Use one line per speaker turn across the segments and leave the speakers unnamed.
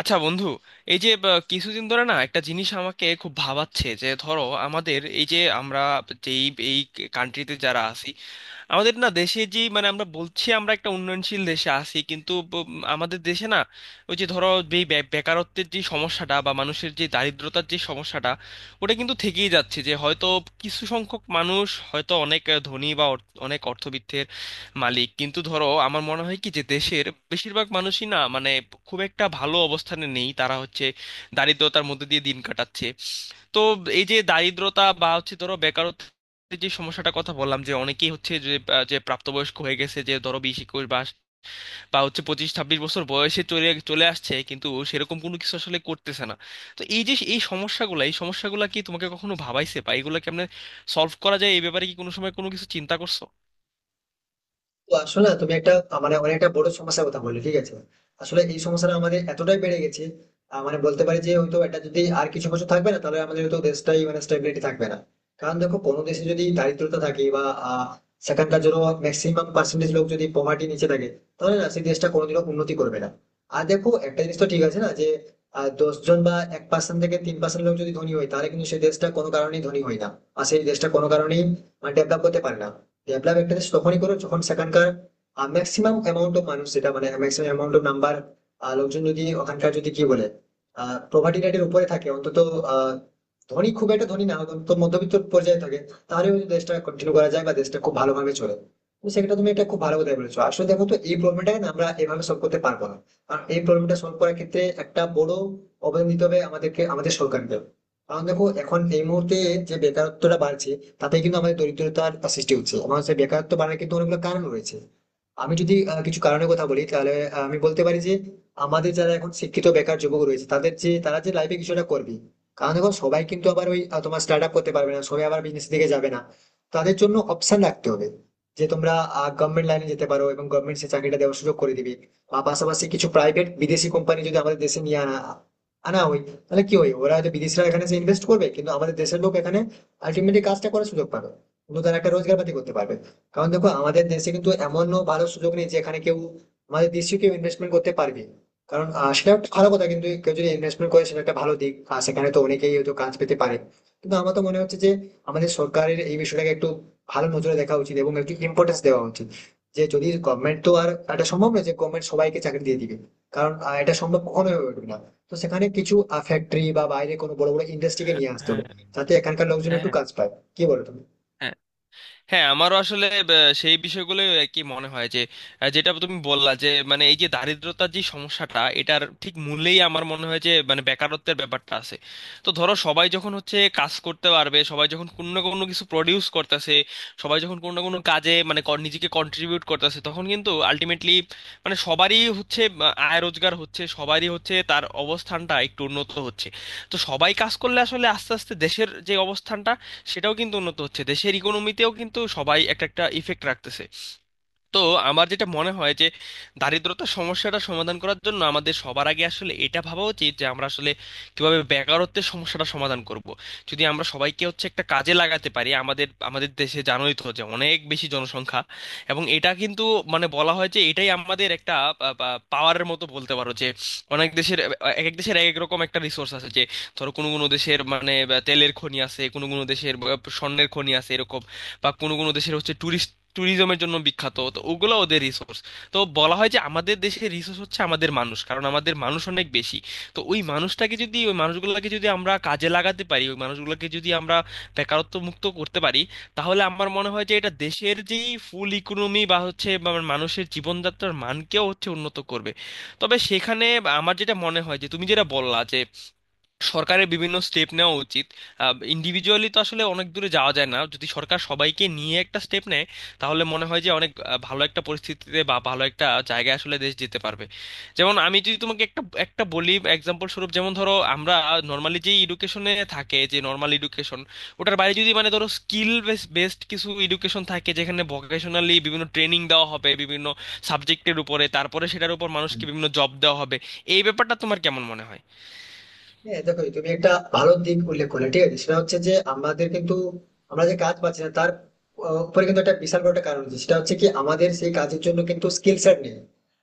আচ্ছা বন্ধু। এই যে কিছুদিন ধরে না একটা জিনিস আমাকে খুব ভাবাচ্ছে যে ধরো আমাদের এই যে আমরা যেই এই কান্ট্রিতে যারা আছি, আমাদের না দেশে, যে মানে আমরা বলছি আমরা একটা উন্নয়নশীল দেশে আছি, কিন্তু আমাদের দেশে না ওই যে ধরো যে বেকারত্বের যে সমস্যাটা বা মানুষের যে দারিদ্রতার যে সমস্যাটা, ওটা কিন্তু থেকেই যাচ্ছে। যে হয়তো কিছু সংখ্যক মানুষ হয়তো অনেক ধনী বা অনেক অর্থবিত্তের মালিক, কিন্তু ধরো আমার মনে হয় কি যে দেশের বেশিরভাগ মানুষই না মানে খুব একটা ভালো অবস্থানে নেই, তারা হচ্ছে দারিদ্রতার মধ্যে দিয়ে দিন কাটাচ্ছে। তো এই যে দারিদ্রতা বা হচ্ছে ধরো বেকারত্ব যে সমস্যাটা কথা বললাম, যে অনেকেই হচ্ছে যে যে প্রাপ্তবয়স্ক হয়ে গেছে, যে ধরো 20-21 বা বা হচ্ছে 25-26 বছর বয়সে চলে চলে আসছে, কিন্তু সেরকম কোনো কিছু আসলে করতেছে না। তো এই যে এই সমস্যাগুলো কি তোমাকে কখনো ভাবাইছে, বা এগুলো কেমনে সলভ করা যায় এই ব্যাপারে কি কোনো সময় কোনো কিছু চিন্তা করছো?
তো আসলে না তুমি একটা মানে অনেক একটা বড় সমস্যার কথা বললে, ঠিক আছে। আসলে এই সমস্যাটা আমাদের এতটাই বেড়ে গেছে, মানে বলতে পারি যে হয়তো এটা যদি আর কিছু বছর থাকবে না তাহলে আমাদের হয়তো দেশটাই মানে স্টেবিলিটি থাকবে না। কারণ দেখো, কোনো দেশে যদি দারিদ্রতা থাকে বা আহ, সেখানকার জন্য ম্যাক্সিমাম পার্সেন্টেজ লোক যদি পভার্টি নিচে থাকে, তাহলে না সেই দেশটা কোনোদিনও উন্নতি করবে না। আর দেখো, একটা জিনিস তো ঠিক আছে না যে 10 জন বা 1% থেকে 3% লোক যদি ধনী হয় তাহলে কিন্তু সেই দেশটা কোনো কারণেই ধনী হয় না, আর সেই দেশটা কোনো কারণেই ডেভেলপ করতে পারে না। ডেভেলপ একটা দেশ তখনই করো যখন সেখানকার ম্যাক্সিমাম অ্যামাউন্ট অফ মানুষ, যেটা মানে ম্যাক্সিমাম অ্যামাউন্ট অফ নাম্বার লোকজন যদি ওখানকার যদি কি বলে প্রভার্টি রেটের উপরে থাকে, অন্তত আহ, ধনী, খুব একটা ধনী না, অন্তত মধ্যবিত্ত পর্যায়ে থাকে, তাহলে ওই দেশটা কন্টিনিউ করা যায় বা দেশটা খুব ভালোভাবে চলে। তো সেটা তুমি একটা খুব ভালো কথা বলেছো। আসলে দেখো তো, এই প্রবলেমটাকে না আমরা এভাবে সলভ করতে পারবো না, কারণ এই প্রবলেমটা সলভ করার ক্ষেত্রে একটা বড় অবদান দিতে হবে আমাদেরকে, আমাদের সরকারকে। কারণ দেখো, এখন এই মুহূর্তে যে বেকারত্বটা বাড়ছে তাতে কিন্তু আমাদের দরিদ্রতার সৃষ্টি হচ্ছে, এবং সেই বেকারত্ব বাড়ার কিন্তু অনেকগুলো কারণ রয়েছে। আমি যদি কিছু কারণের কথা বলি তাহলে আমি বলতে পারি যে আমাদের যারা এখন শিক্ষিত বেকার যুবক রয়েছে তাদের যে তারা যে লাইফে কিছুটা করবে। কারণ দেখো, সবাই কিন্তু আবার ওই তোমার স্টার্ট আপ করতে পারবে না, সবাই আবার বিজনেস দিকে যাবে না। তাদের জন্য অপশন রাখতে হবে যে তোমরা গভর্নমেন্ট লাইনে যেতে পারো, এবং গভর্নমেন্ট সে চাকরিটা দেওয়ার সুযোগ করে দিবে। বা পাশাপাশি কিছু প্রাইভেট বিদেশি কোম্পানি যদি আমাদের দেশে নিয়ে আনা আনা হয়, তাহলে কি হয়, ওরা হয়তো বিদেশিরা এখানে এসে ইনভেস্ট করবে, কিন্তু আমাদের দেশের লোক এখানে আলটিমেটলি কাজটা করার সুযোগ পাবে, কিন্তু তারা একটা রোজগার পাতি করতে পারবে। কারণ দেখো, আমাদের দেশে কিন্তু এমনও ভালো সুযোগ নেই যে এখানে কেউ আমাদের দেশীয় কেউ ইনভেস্টমেন্ট করতে পারবে। কারণ সেটা একটা ভালো কথা, কিন্তু কেউ যদি ইনভেস্টমেন্ট করে সেটা একটা ভালো দিক, আর সেখানে তো অনেকেই হয়তো কাজ পেতে পারে। কিন্তু আমার তো মনে হচ্ছে যে আমাদের সরকারের এই বিষয়টাকে একটু ভালো নজরে দেখা উচিত এবং একটু ইম্পর্টেন্স দেওয়া উচিত। যে যদি গভর্নমেন্ট, তো আর এটা সম্ভব নয় যে গভর্নমেন্ট সবাইকে চাকরি দিয়ে দিবে, কারণ এটা সম্ভব কখনোই হয়ে উঠবে না। তো সেখানে কিছু ফ্যাক্টরি বা বাইরে কোনো বড় বড় ইন্ডাস্ট্রিকে নিয়ে আসতে
হ্যাঁ,
হবে, যাতে এখানকার লোকজন একটু
হ্যাঁ,
কাজ পায়। কি বলো তুমি?
হ্যাঁ, হ্যাঁ, আমারও আসলে সেই বিষয়গুলো আর কি মনে হয় যে যেটা তুমি বললা যে মানে এই যে দারিদ্রতার যে সমস্যাটা, এটার ঠিক মূলেই আমার মনে হয় যে মানে বেকারত্বের ব্যাপারটা আছে। তো ধরো সবাই যখন হচ্ছে কাজ করতে পারবে, সবাই যখন কোনো না কোনো কিছু প্রডিউস করতেছে, সবাই যখন কোনো না কোনো কাজে মানে নিজেকে কন্ট্রিবিউট করতেছে, তখন কিন্তু আলটিমেটলি মানে সবারই হচ্ছে আয় রোজগার হচ্ছে, সবারই হচ্ছে তার অবস্থানটা একটু উন্নত হচ্ছে। তো সবাই কাজ করলে আসলে আস্তে আস্তে দেশের যে অবস্থানটা সেটাও কিন্তু উন্নত হচ্ছে, দেশের ইকোনমিতেও কিন্তু সবাই একটা একটা ইফেক্ট রাখতেছে। তো আমার যেটা মনে হয় যে দারিদ্রতা সমস্যাটা সমাধান করার জন্য আমাদের সবার আগে আসলে এটা ভাবা উচিত যে আমরা আসলে কিভাবে বেকারত্বের সমস্যাটা সমাধান করব। যদি আমরা সবাইকে হচ্ছে একটা কাজে লাগাতে পারি, আমাদের আমাদের দেশে জানোই তো যে অনেক বেশি জনসংখ্যা, এবং এটা কিন্তু মানে বলা হয় যে এটাই আমাদের একটা পাওয়ারের মতো বলতে পারো। যে অনেক দেশের, এক এক দেশের এক এক রকম একটা রিসোর্স আছে। যে ধরো কোনো কোনো দেশের মানে তেলের খনি আছে, কোনো কোনো দেশের স্বর্ণের খনি আছে, এরকম বা কোনো কোনো দেশের হচ্ছে ট্যুরিজমের জন্য বিখ্যাত, তো ওগুলো ওদের রিসোর্স। তো বলা হয় যে আমাদের দেশের রিসোর্স হচ্ছে আমাদের মানুষ, কারণ আমাদের মানুষ অনেক বেশি। তো ওই মানুষগুলোকে যদি আমরা কাজে লাগাতে পারি, ওই মানুষগুলোকে যদি আমরা বেকারত্ব মুক্ত করতে পারি, তাহলে আমার মনে হয় যে এটা দেশের যেই ফুল ইকোনমি বা হচ্ছে বা মানুষের জীবনযাত্রার মানকেও হচ্ছে উন্নত করবে। তবে সেখানে আমার যেটা মনে হয় যে তুমি যেটা বললা, যে সরকারের বিভিন্ন স্টেপ নেওয়া উচিত। ইন্ডিভিজুয়ালি তো আসলে অনেক দূরে যাওয়া যায় না, যদি সরকার সবাইকে নিয়ে একটা স্টেপ নেয় তাহলে মনে হয় যে অনেক ভালো একটা পরিস্থিতিতে বা ভালো একটা জায়গায় আসলে দেশ যেতে পারবে। যেমন আমি যদি তোমাকে একটা একটা বলি এক্সাম্পল স্বরূপ, যেমন ধরো আমরা নর্মালি যে এডুকেশনে থাকে, যে নর্মাল এডুকেশন ওটার বাইরে যদি মানে ধরো স্কিল বেসড কিছু এডুকেশন থাকে, যেখানে ভোকেশনালি বিভিন্ন ট্রেনিং দেওয়া হবে বিভিন্ন সাবজেক্টের উপরে, তারপরে সেটার উপর
হ্যাঁ।
মানুষকে বিভিন্ন জব দেওয়া হবে। এই ব্যাপারটা তোমার কেমন মনে হয়?
হ্যাঁ, দেখো তুমি একটা ভালো দিক উল্লেখ করলে, ঠিক আছে। সেটা হচ্ছে যে আমাদের কিন্তু, আমরা যে কাজ পাচ্ছি না তার উপরে কিন্তু একটা বিশাল বড় একটা কারণ আছে, সেটা হচ্ছে কি আমাদের সেই কাজের জন্য কিন্তু স্কিল সেট নেই।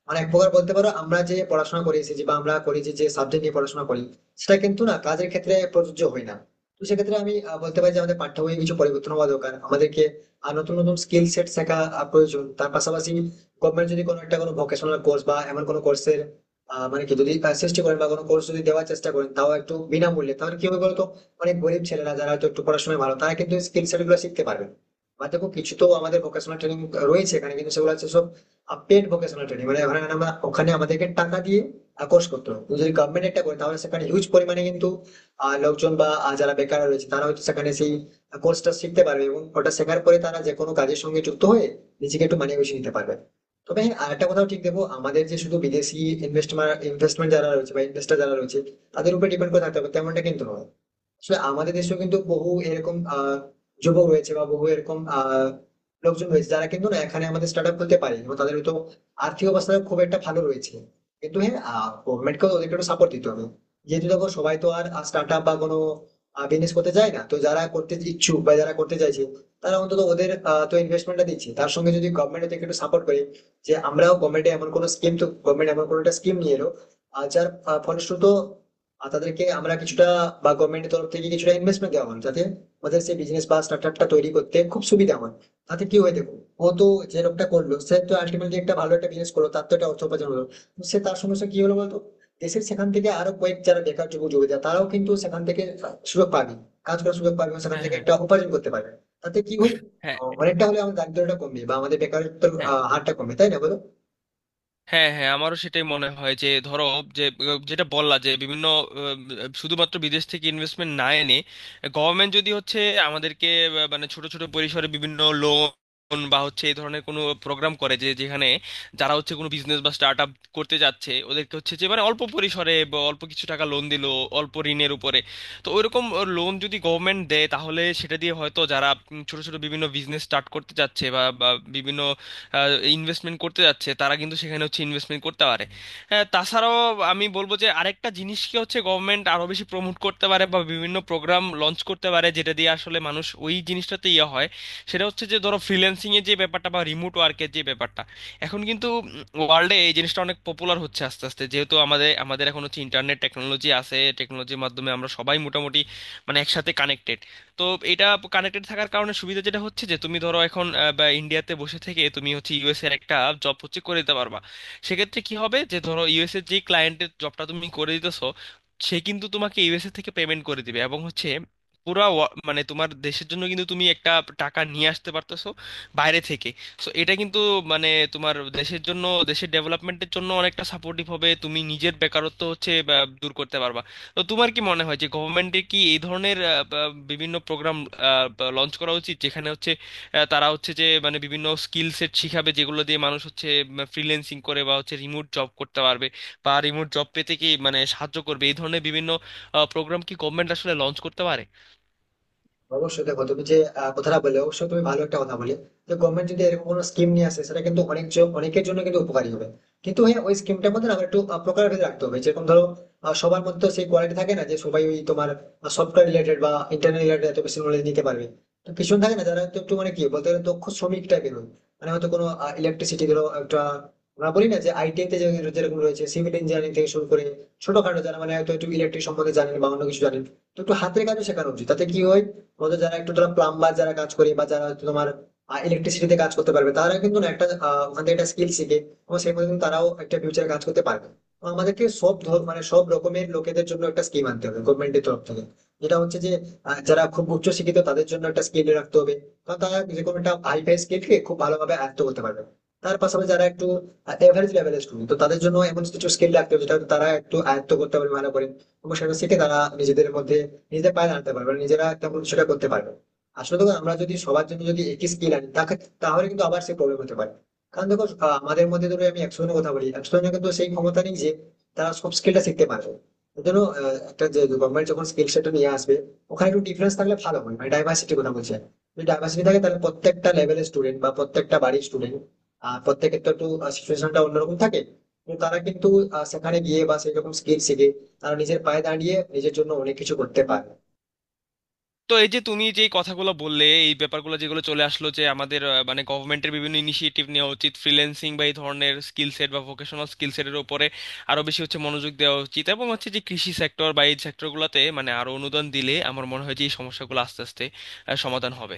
মানে এক প্রকার বলতে পারো, আমরা যে পড়াশোনা করে এসেছি বা আমরা করি যে সাবজেক্ট নিয়ে পড়াশোনা করি, সেটা কিন্তু না কাজের ক্ষেত্রে প্রযোজ্য হয় না। তো সেক্ষেত্রে আমি বলতে পারি যে আমাদের পাঠ্য বইয়ে কিছু পরিবর্তন হওয়া দরকার আমাদেরকে, আর নতুন নতুন স্কিল সেট শেখা প্রয়োজন। তার পাশাপাশি গভর্নমেন্ট যদি কোনো একটা কোনো ভোকেশনাল কোর্স বা এমন কোনো কোর্সের মানে কি যদি চেষ্টা করেন বা কোনো কোর্স যদি দেওয়ার চেষ্টা করেন, তাও একটু বিনামূল্যে, তাহলে কি হবে বলতো, অনেক গরিব ছেলেরা যারা হয়তো একটু পড়াশোনায় ভালো তারা কিন্তু স্কিল সেট গুলো শিখতে পারবে। বা দেখো, কিছু তো আমাদের ভোকেশনাল ট্রেনিং রয়েছে এখানে, কিন্তু সেগুলো হচ্ছে সব পেড ভোকেশনাল ট্রেনিং, মানে ওখানে আমরা ওখানে আমাদেরকে টাকা দিয়ে কোর্স করতে হবে। তুমি যদি গভর্নমেন্ট একটা করে, তাহলে সেখানে হিউজ পরিমাণে কিন্তু লোকজন বা যারা বেকার রয়েছে তারা হয়তো সেখানে সেই কোর্সটা শিখতে পারবে, এবং ওটা শেখার পরে তারা যে কোনো কাজের সঙ্গে যুক্ত হয়ে নিজেকে একটু মানিয়ে গুছিয়ে নিতে পারবে। তবে হ্যাঁ, আরেকটা কথাও ঠিক দেবো, আমাদের যে শুধু বিদেশি ইনভেস্টমেন্ট ইনভেস্টমেন্ট যারা রয়েছে বা ইনভেস্টর যারা রয়েছে তাদের উপর ডিপেন্ড করে থাকতে হবে তেমনটা কিন্তু নয়। আসলে আমাদের দেশেও কিন্তু বহু এরকম যুবক রয়েছে বা বহু এরকম লোকজন রয়েছে যারা কিন্তু না এখানে আমাদের স্টার্ট আপ খুলতে পারে, এবং তাদের হয়তো আর্থিক অবস্থা খুব একটা ভালো রয়েছে। কিন্তু হ্যাঁ, গভর্নমেন্টকেও ওদেরকে একটু সাপোর্ট দিতে হবে, যেহেতু দেখো সবাই তো আর স্টার্ট আপ বা কোনো বিজনেস করতে যায় না। তো যারা করতে ইচ্ছুক বা যারা করতে চাইছে, তারা অন্তত ওদের তো ইনভেস্টমেন্টটা দিচ্ছে, তার সঙ্গে যদি গভর্নমেন্ট ওদেরকে একটু সাপোর্ট করে, যে আমরাও গভর্নমেন্টে এমন কোনো স্কিম, তো গভর্নমেন্ট এমন কোনো একটা স্কিম নিয়ে এলো আর যার ফলশ্রুত আর তাদেরকে আমরা কিছুটা বা গভর্নমেন্টের তরফ থেকে কিছুটা ইনভেস্টমেন্ট দেওয়া হলো, যাতে ওদের সেই বিজনেস বা স্টার্টআপটা তৈরি করতে খুব সুবিধা হয়। তাতে কি হয় দেখো, ও তো, যে লোকটা করলো সে তো আলটিমেটলি একটা ভালো একটা বিজনেস করলো, তার তো একটা অর্থ উপার্জন হলো। তো সে, তার সমস্যা কি হলো বলতো, দেশের সেখান থেকে আরো কয়েক যারা বেকার যুবক যুবতী তারাও কিন্তু সেখান থেকে সুযোগ পাবে, কাজ করার সুযোগ পাবে, এবং সেখান
হ্যাঁ,
থেকে
হ্যাঁ,
একটা উপার্জন করতে পারবে। তাতে কি হয়,
হ্যাঁ,
অনেকটা হলে আমাদের দারিদ্রটা কমবে বা আমাদের বেকারত্বের
হ্যাঁ,
হারটা কমবে, তাই না বলো?
হ্যাঁ, হ্যাঁ, আমারও সেটাই মনে হয়। যে ধরো যে যেটা বললা যে বিভিন্ন, শুধুমাত্র বিদেশ থেকে ইনভেস্টমেন্ট না এনে গভর্নমেন্ট যদি হচ্ছে আমাদেরকে মানে ছোট ছোট পরিসরে বিভিন্ন লোন বা হচ্ছে এই ধরনের কোনো প্রোগ্রাম করে, যে যেখানে যারা হচ্ছে কোনো বিজনেস বা স্টার্ট আপ করতে যাচ্ছে ওদেরকে হচ্ছে যে মানে অল্প পরিসরে বা অল্প কিছু টাকা লোন দিল, অল্প ঋণের উপরে, তো ওইরকম লোন যদি গভর্নমেন্ট দেয়, তাহলে সেটা দিয়ে হয়তো যারা ছোট ছোট বিভিন্ন বিজনেস স্টার্ট করতে চাচ্ছে বা বা বিভিন্ন ইনভেস্টমেন্ট করতে যাচ্ছে, তারা কিন্তু সেখানে হচ্ছে ইনভেস্টমেন্ট করতে পারে। হ্যাঁ, তাছাড়াও আমি বলবো যে আরেকটা জিনিসকে হচ্ছে গভর্নমেন্ট আরো বেশি প্রমোট করতে পারে বা বিভিন্ন প্রোগ্রাম লঞ্চ করতে পারে, যেটা দিয়ে আসলে মানুষ ওই জিনিসটাতে ইয়ে হয়। সেটা হচ্ছে যে ধরো ফ্রিল্যান্সিং এর যে ব্যাপারটা বা রিমোট ওয়ার্কের যে ব্যাপারটা, এখন কিন্তু ওয়ার্ল্ডে এই জিনিসটা অনেক পপুলার হচ্ছে আস্তে আস্তে, যেহেতু আমাদের আমাদের এখন হচ্ছে ইন্টারনেট টেকনোলজি আছে, টেকনোলজির মাধ্যমে আমরা সবাই মোটামুটি মানে একসাথে কানেক্টেড। তো এটা কানেক্টেড থাকার কারণে সুবিধা যেটা হচ্ছে, যে তুমি ধরো এখন বা ইন্ডিয়াতে বসে থেকে তুমি হচ্ছে ইউএস এর একটা জব হচ্ছে করে দিতে পারবা। সেক্ষেত্রে কি হবে যে ধরো ইউএস এর যে ক্লায়েন্টের জবটা তুমি করে দিতেছো, সে কিন্তু তোমাকে ইউএসএ থেকে পেমেন্ট করে দিবে, এবং হচ্ছে পুরা মানে তোমার দেশের জন্য কিন্তু তুমি একটা টাকা নিয়ে আসতে পারতেছো বাইরে থেকে। সো এটা কিন্তু মানে তোমার দেশের জন্য, দেশের ডেভেলপমেন্টের জন্য অনেকটা সাপোর্টিভ হবে, তুমি নিজের বেকারত্ব হচ্ছে বা, দূর করতে পারবা। তো তোমার কি মনে হয় যে গভর্নমেন্টের কি এই ধরনের বিভিন্ন প্রোগ্রাম লঞ্চ করা উচিত, যেখানে হচ্ছে তারা হচ্ছে যে মানে বিভিন্ন স্কিল সেট শিখাবে যেগুলো দিয়ে মানুষ হচ্ছে ফ্রিল্যান্সিং করে বা হচ্ছে রিমোট জব করতে পারবে বা রিমোট জব পেতে কি মানে সাহায্য করবে, এই ধরনের বিভিন্ন প্রোগ্রাম কি গভর্নমেন্ট আসলে লঞ্চ করতে পারে?
অবশ্যই। দেখো, তুমি যে কথাটা বলে অবশ্যই তুমি ভালো একটা কথা বলে, যে গভর্নমেন্ট যদি এরকম কোনো স্কিম নিয়ে আসে সেটা কিন্তু অনেক অনেকের জন্য কিন্তু উপকারী হবে। কিন্তু হ্যাঁ, ওই স্কিমটার মধ্যে না আমার একটু প্রকার ভেদ রাখতে হবে। যেরকম ধরো, সবার মধ্যে সেই কোয়ালিটি থাকে না যে সবাই ওই তোমার সফটওয়্যার রিলেটেড বা ইন্টারনেট রিলেটেড এত বেশি নলেজ নিতে পারবে। তো কিছু থাকে না যারা একটু একটু মানে কি বলতে গেলে দক্ষ শ্রমিক টাইপের হয়, মানে হয়তো কোনো ইলেকট্রিসিটি ধরো একটা, আমরা বলি না যে আইটিআই তে যেরকম রয়েছে সিভিল ইঞ্জিনিয়ারিং থেকে শুরু করে ছোটখাটো যারা মানে হয়তো একটু ইলেকট্রিক সম্বন্ধে জানেন বা অন্য কিছু জানেন, তো একটু হাতের কাজও শেখানো উচিত। তাতে কি হয়, আমাদের যারা একটু ধরো প্লাম্বার যারা কাজ করে বা যারা হয়তো তোমার ইলেকট্রিসিটিতে কাজ করতে পারবে, তারা কিন্তু না একটা ওখান থেকে একটা স্কিল শিখে এবং সেই মতো কিন্তু তারাও একটা ফিউচারে কাজ করতে পারবে। তো আমাদেরকে সব মানে সব রকমের লোকেদের জন্য একটা স্কিম আনতে হবে গভর্নমেন্টের তরফ থেকে। যেটা হচ্ছে যে যারা খুব উচ্চ শিক্ষিত তাদের জন্য একটা স্কিল রাখতে হবে, কারণ তারা যে কোনো একটা হাইফাই স্কিলকে খুব ভালোভাবে আয়ত্ত করতে পারবে। তার পাশাপাশি যারা একটু এভারেজ লেভেলের স্টুডেন্ট, তো তাদের জন্য এমন কিছু স্কিল রাখতে হবে যেটা হয়তো তারা একটু আয়ত্ত করতে পারবে ভালো করে, এবং সেটা শিখে তারা নিজেদের মধ্যে নিজেদের পায়ে দাঁড়াতে পারবে, নিজেরা তখন সেটা করতে পারবে। আসলে দেখো, আমরা যদি সবার জন্য যদি একই স্কিল আনি তাকে, তাহলে কিন্তু আবার সে প্রবলেম হতে পারে। কারণ দেখো আমাদের মধ্যে ধরো আমি 100 জনের কথা বলি, 100 জনের কিন্তু সেই ক্ষমতা নেই যে তারা সব স্কিলটা শিখতে পারবে। এর জন্য একটা যে গভর্নমেন্ট যখন স্কিল সেটা নিয়ে আসবে, ওখানে একটু ডিফারেন্স থাকলে ভালো হয়, মানে ডাইভার্সিটির কথা বলছি আমি। যদি ডাইভার্সিটি থাকে তাহলে প্রত্যেকটা লেভেলের স্টুডেন্ট বা প্রত্যেকটা বাড়ির স্টুডেন্ট, আর প্রত্যেকের তো একটু সিচুয়েশনটা অন্যরকম থাকে, তো তারা কিন্তু সেখানে গিয়ে বা সেই রকম স্কিল শিখে তারা নিজের পায়ে দাঁড়িয়ে নিজের জন্য অনেক কিছু করতে পারে।
তো এই যে তুমি যে কথাগুলো বললে, এই ব্যাপারগুলো যেগুলো চলে আসলো যে আমাদের মানে গভর্নমেন্টের বিভিন্ন ইনিশিয়েটিভ নেওয়া উচিত, ফ্রিল্যান্সিং বা এই ধরনের স্কিল সেট বা ভোকেশনাল স্কিল সেটের উপরে আরো বেশি হচ্ছে মনোযোগ দেওয়া উচিত, এবং হচ্ছে যে কৃষি সেক্টর বা এই সেক্টরগুলোতে মানে আরো অনুদান দিলে আমার মনে হয় যে এই সমস্যাগুলো আস্তে আস্তে সমাধান হবে।